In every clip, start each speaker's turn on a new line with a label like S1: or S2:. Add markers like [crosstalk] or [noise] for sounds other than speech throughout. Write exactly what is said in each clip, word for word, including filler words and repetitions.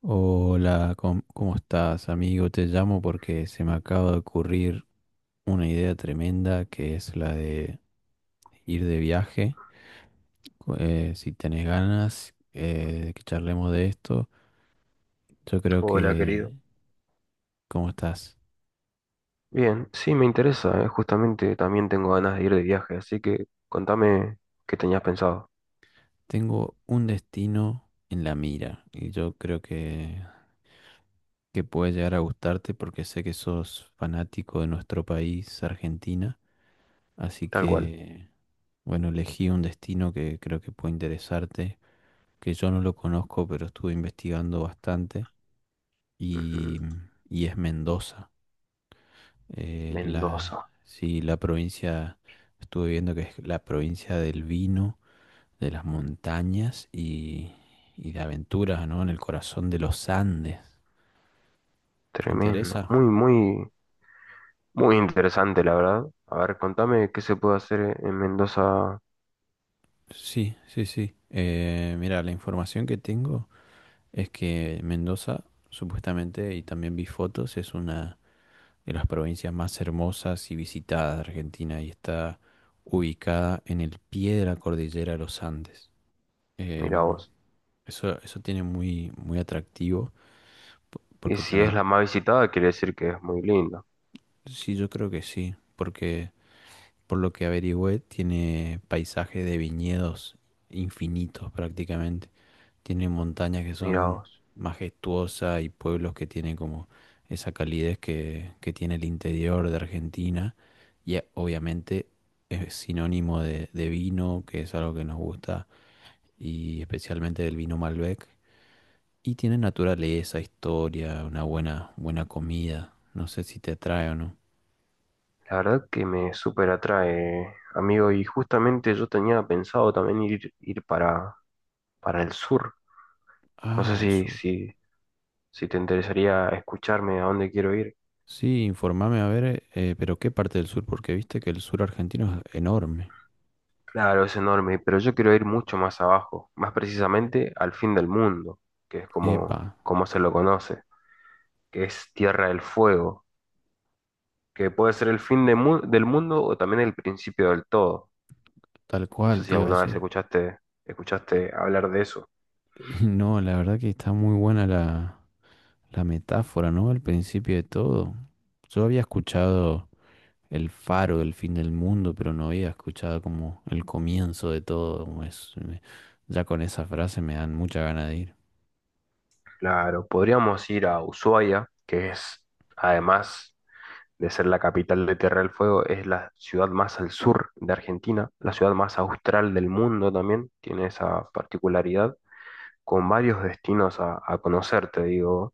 S1: Hola, ¿cómo, cómo estás, amigo? Te llamo porque se me acaba de ocurrir una idea tremenda que es la de ir de viaje. Cu- eh, si tenés ganas eh, de que charlemos de esto, yo creo
S2: Hola,
S1: que,
S2: querido.
S1: ¿cómo estás?
S2: Bien, sí, me interesa, eh, justamente también tengo ganas de ir de viaje, así que contame qué tenías pensado.
S1: Tengo un destino en la mira y yo creo que, que puede llegar a gustarte porque sé que sos fanático de nuestro país, Argentina. Así
S2: Tal cual.
S1: que, bueno, elegí un destino que creo que puede interesarte, que yo no lo conozco, pero estuve investigando bastante,
S2: Ujú.
S1: y, y es Mendoza. Eh,
S2: Mendoza.
S1: la, sí, la provincia, estuve viendo que es la provincia del vino, de las montañas y, y de aventuras, ¿no? En el corazón de los Andes. ¿Te
S2: Tremendo.
S1: interesa?
S2: Muy, muy, muy interesante, la verdad. A ver, contame qué se puede hacer e-, en Mendoza.
S1: Sí, sí, sí. Eh, mira, la información que tengo es que Mendoza, supuestamente, y también vi fotos, es una de las provincias más hermosas y visitadas de Argentina y está ubicada en el pie de la cordillera de los Andes.
S2: Mirá
S1: Em,
S2: vos.
S1: eso, eso tiene muy, muy atractivo po-
S2: Y
S1: porque
S2: si es
S1: también,
S2: la más visitada, quiere decir que es muy linda.
S1: sí, yo creo que sí, porque por lo que averigüé tiene paisaje de viñedos infinitos prácticamente. Tiene montañas que
S2: Mirá
S1: son
S2: vos.
S1: majestuosas y pueblos que tienen como esa calidez que, que tiene el interior de Argentina. Y eh, obviamente es sinónimo de, de vino, que es algo que nos gusta, y especialmente del vino Malbec. Y tiene naturaleza, historia, una buena, buena comida. No sé si te atrae o no.
S2: La verdad que me súper atrae, amigo. Y justamente yo tenía pensado también ir, ir para, para el sur. No sé
S1: Ah, el
S2: si,
S1: sur.
S2: si, si te interesaría escucharme a dónde quiero ir.
S1: Sí, informame a ver, eh, pero ¿qué parte del sur? Porque viste que el sur argentino es enorme.
S2: Claro, es enorme, pero yo quiero ir mucho más abajo, más precisamente al fin del mundo, que es
S1: Epa,
S2: como, como se lo conoce, que es Tierra del Fuego, que puede ser el fin de mu- del mundo o también el principio del todo.
S1: tal
S2: No sé
S1: cual
S2: si
S1: te iba a
S2: alguna vez
S1: decir.
S2: escuchaste, escuchaste hablar de eso.
S1: No, la verdad que está muy buena la, la metáfora, ¿no? Al principio de todo. Yo había escuchado el faro del fin del mundo, pero no había escuchado como el comienzo de todo. como es- me- ya con esa frase me dan mucha gana de ir.
S2: Claro, podríamos ir a Ushuaia, que es además de ser la capital de Tierra del Fuego, es la ciudad más al sur de Argentina, la ciudad más austral del mundo también, tiene esa particularidad, con varios destinos a, a conocer, te digo,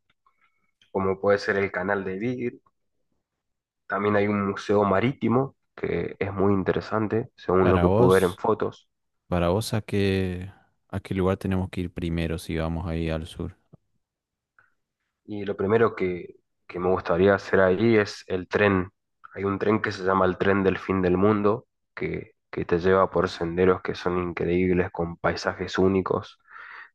S2: como puede ser el canal de Beagle, también hay un museo marítimo que es muy interesante, según lo
S1: Para
S2: que pude ver en
S1: vos,
S2: fotos,
S1: para vos, ¿a qué, a qué lugar tenemos que ir primero si vamos ahí al sur?
S2: y lo primero que, que me gustaría hacer ahí es el tren. Hay un tren que se llama el tren del fin del mundo, que, que te lleva por senderos que son increíbles, con paisajes únicos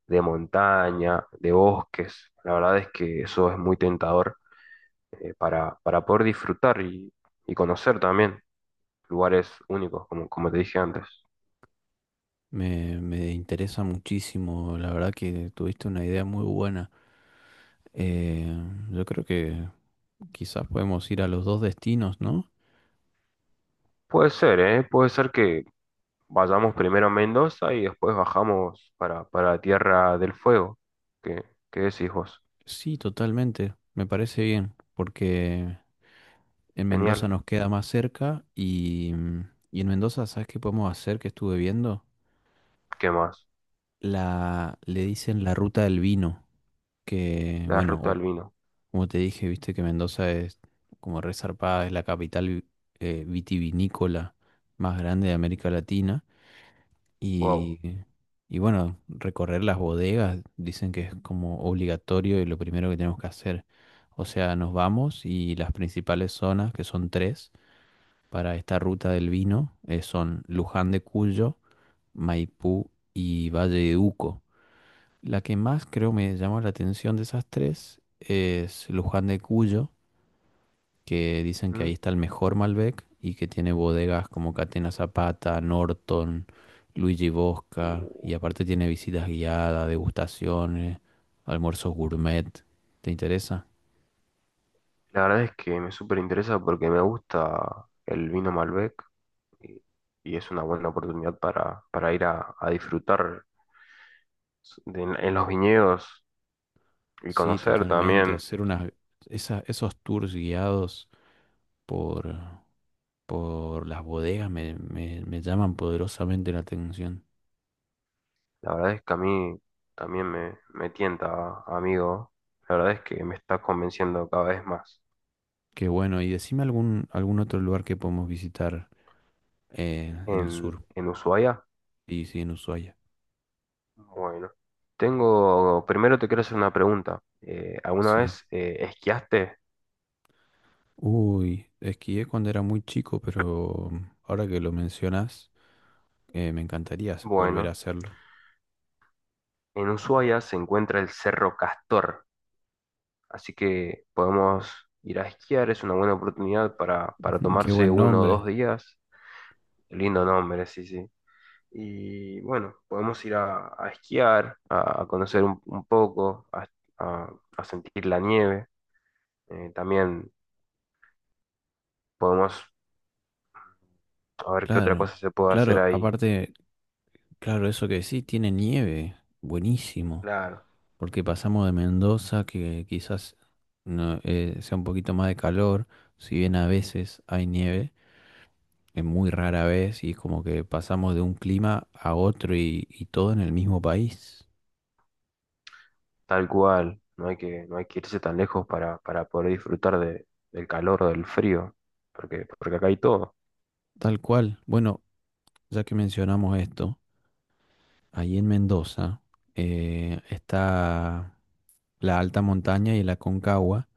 S2: de montaña, de bosques. La verdad es que eso es muy tentador, eh, para, para poder disfrutar y, y conocer también lugares únicos, como, como te dije antes.
S1: Me, me interesa muchísimo, la verdad que tuviste una idea muy buena. Eh, yo creo que quizás podemos ir a los dos destinos, ¿no?
S2: Puede ser, ¿eh? Puede ser que vayamos primero a Mendoza y después bajamos para, para Tierra del Fuego. ¿Qué, qué decís vos?
S1: Sí, totalmente. Me parece bien, porque en
S2: Genial.
S1: Mendoza nos queda más cerca y, mm, y en Mendoza, ¿sabes qué podemos hacer? Que estuve viendo.
S2: ¿Qué más?
S1: La, le dicen la ruta del vino, que
S2: La
S1: bueno,
S2: ruta del
S1: o-
S2: vino.
S1: como te dije, viste que Mendoza es como resarpada, es la capital eh, vitivinícola más grande de América Latina.
S2: Wow.
S1: Y, y bueno, recorrer las bodegas, dicen que es como obligatorio y lo primero que tenemos que hacer. O sea, nos vamos y las principales zonas, que son tres, para esta ruta del vino, eh, son Luján de Cuyo, Maipú y Valle de Uco. La que más creo me llamó la atención de esas tres es Luján de Cuyo, que dicen que
S2: ¿Mm?
S1: ahí está el mejor Malbec y que tiene bodegas como Catena Zapata, Norton, Luigi Bosca,
S2: Uh,
S1: y aparte tiene visitas guiadas, degustaciones, almuerzos gourmet. ¿Te interesa?
S2: La verdad es que me súper interesa porque me gusta el vino Malbec y, y es una buena oportunidad para, para ir a, a disfrutar de- en los viñedos y
S1: Sí,
S2: conocer
S1: totalmente.
S2: también.
S1: Hacer unas, esa- esos tours guiados por, por las bodegas me, me- me llaman poderosamente la atención.
S2: La verdad es que a mí también me, me tienta, amigo. La verdad es que me está convenciendo cada vez más.
S1: Qué bueno. Y decime algún, algún otro lugar que podemos visitar eh, en el
S2: En,
S1: sur,
S2: en Ushuaia,
S1: y sí, en Ushuaia.
S2: bueno, tengo, primero te quiero hacer una pregunta. Eh, alguna
S1: Sí.
S2: vez eh, esquiaste?
S1: Uy, esquié cuando era muy chico, pero ahora que lo mencionas, eh, me encantaría s- volver a
S2: Bueno,
S1: hacerlo.
S2: en Ushuaia se encuentra el Cerro Castor. Así que podemos ir a esquiar, es una buena oportunidad para, para
S1: [laughs] Qué
S2: tomarse
S1: buen
S2: uno o
S1: nombre.
S2: dos días. Lindo nombre, sí, sí. Y bueno, podemos ir a, a esquiar, a, a conocer un, un poco, a, a- a sentir la nieve. Eh, también podemos a ver qué otra
S1: Claro,
S2: cosa se puede hacer
S1: claro,
S2: ahí.
S1: aparte, claro, eso que sí, tiene nieve. Buenísimo.
S2: Claro,
S1: Porque pasamos de Mendoza, que quizás no, eh, sea un poquito más de calor, si bien a veces hay nieve, es muy rara vez, y es como que pasamos de un clima a otro y y todo en el mismo país.
S2: tal cual. No hay que, no hay que irse tan lejos para, para poder disfrutar de, del calor o del frío, porque, porque acá hay todo.
S1: Tal cual. Bueno, ya que mencionamos esto. Ahí en Mendoza eh, está la alta montaña y la Concagua,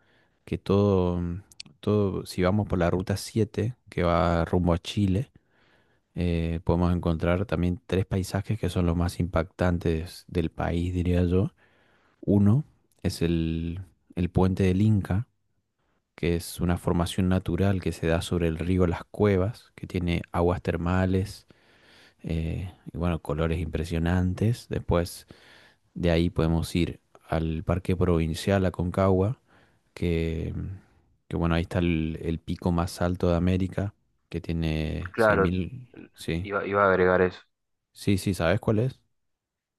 S1: que todo, mm, todo, si vamos por la ruta siete que va rumbo a Chile, eh, podemos encontrar también tres paisajes que son los más impactantes del país, diría yo. Uno es el, el puente del Inca, que es una formación natural que se da sobre el río Las Cuevas, que tiene aguas termales eh, y bueno, colores impresionantes. Después de ahí podemos ir al Parque Provincial Aconcagua, que, que bueno, ahí está el, el pico más alto de América, que tiene seis
S2: Claro,
S1: mil Sí,
S2: iba, iba a agregar eso.
S1: sí, sí, ¿sabes cuál es?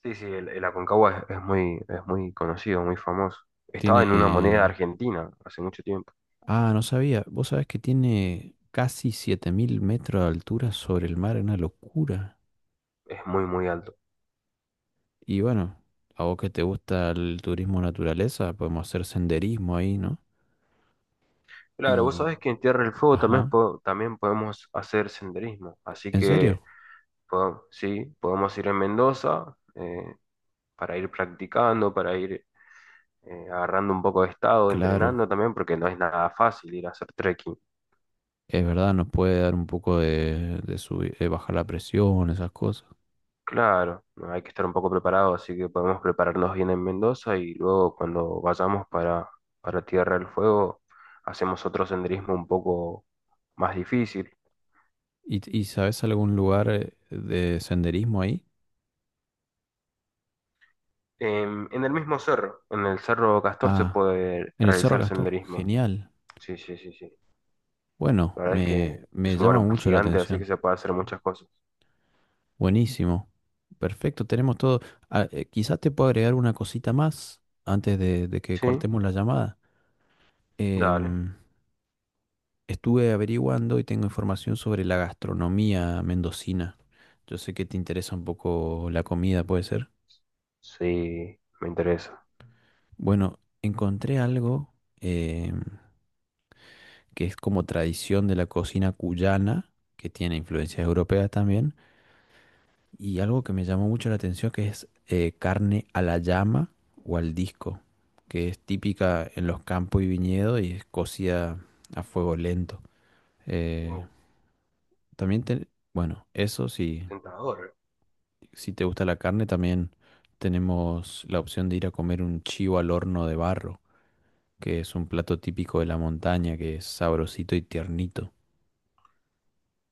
S2: Sí, sí, el, el Aconcagua es, es muy, es muy conocido, muy famoso. Estaba en una moneda
S1: Tiene...
S2: argentina hace mucho tiempo.
S1: Ah, no sabía. Vos sabés que tiene casi siete mil metros de altura sobre el mar, una locura.
S2: Es muy, muy alto.
S1: Y bueno, a vos que te gusta el turismo naturaleza, podemos hacer senderismo ahí, ¿no?
S2: Claro, vos
S1: Y...
S2: sabés que en Tierra del Fuego también,
S1: Ajá,
S2: po- también podemos hacer senderismo. Así
S1: ¿en serio?
S2: que, po- sí, podemos ir en Mendoza, eh, para ir practicando, para ir, eh, agarrando un poco de estado,
S1: Claro.
S2: entrenando también, porque no es nada fácil ir a hacer trekking.
S1: Es verdad, nos puede dar un poco de, de subir- de bajar la presión, esas cosas.
S2: Claro, no, hay que estar un poco preparado, así que podemos prepararnos bien en Mendoza y luego cuando vayamos para, para Tierra del Fuego hacemos otro senderismo un poco más difícil.
S1: ¿Y, y sabes algún lugar eh, de senderismo ahí?
S2: Em, en el mismo cerro, en el Cerro Castor se
S1: Ah,
S2: puede
S1: en el Cerro
S2: realizar
S1: Castor.
S2: senderismo.
S1: Genial.
S2: Sí, sí, sí, sí.
S1: Bueno,
S2: La verdad es
S1: me,
S2: que
S1: me
S2: es un
S1: llama
S2: lugar
S1: mucho la
S2: gigante, así que
S1: atención.
S2: se puede hacer muchas cosas.
S1: Buenísimo. Perfecto, tenemos todo. Ah, eh, quizás te puedo agregar una cosita más antes de, de que
S2: Sí,
S1: cortemos la llamada.
S2: dale.
S1: Em, Estuve averiguando y tengo información sobre la gastronomía mendocina. Yo sé que te interesa un poco la comida, ¿puede ser?
S2: Sí, me interesa.
S1: Bueno, encontré algo em, que es como tradición de la cocina cuyana, que tiene influencias europeas también, y algo que me llamó mucho la atención que es eh, carne a la llama o al disco, que es típica en los campos y viñedos y es cocida a fuego lento. Eh,
S2: Wow,
S1: también, te- bueno, eso sí,
S2: tentador.
S1: si te gusta la carne, también tenemos la opción de ir a comer un chivo al horno de barro que es un plato típico de la montaña, que es sabrosito y tiernito.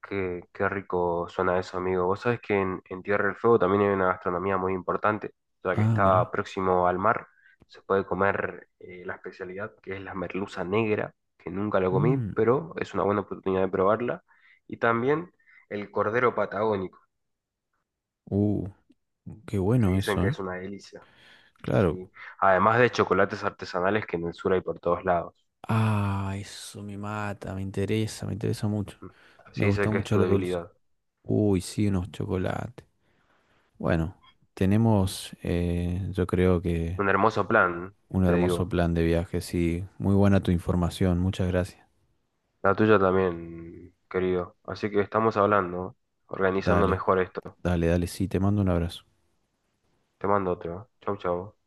S2: Qué, qué rico suena eso, amigo. Vos sabés que en, en Tierra del Fuego también hay una gastronomía muy importante, ya que
S1: Ah, mira.
S2: está próximo al mar. Se puede comer, eh, la especialidad que es la merluza negra, que nunca lo comí,
S1: Mm,
S2: pero es una buena oportunidad de probarla. Y también el cordero patagónico,
S1: uh, qué
S2: que
S1: bueno
S2: dicen
S1: eso,
S2: que
S1: ¿eh?
S2: es una delicia.
S1: Claro.
S2: Sí. Además de chocolates artesanales que en el sur hay por todos lados.
S1: Ah, eso me mata, me interesa, me interesa mucho. Me
S2: Sí, sé
S1: gusta
S2: que es
S1: mucho
S2: tu
S1: lo dulce.
S2: debilidad.
S1: Uy, sí, unos chocolates. Bueno, tenemos, eh, yo creo que
S2: Un hermoso plan,
S1: un
S2: te
S1: hermoso
S2: digo.
S1: plan de viaje, sí. Muy buena tu información, muchas gracias.
S2: La tuya también, querido. Así que estamos hablando, organizando
S1: Dale,
S2: mejor esto.
S1: dale, dale, sí, te mando un abrazo.
S2: Te mando otro. Chau, chau.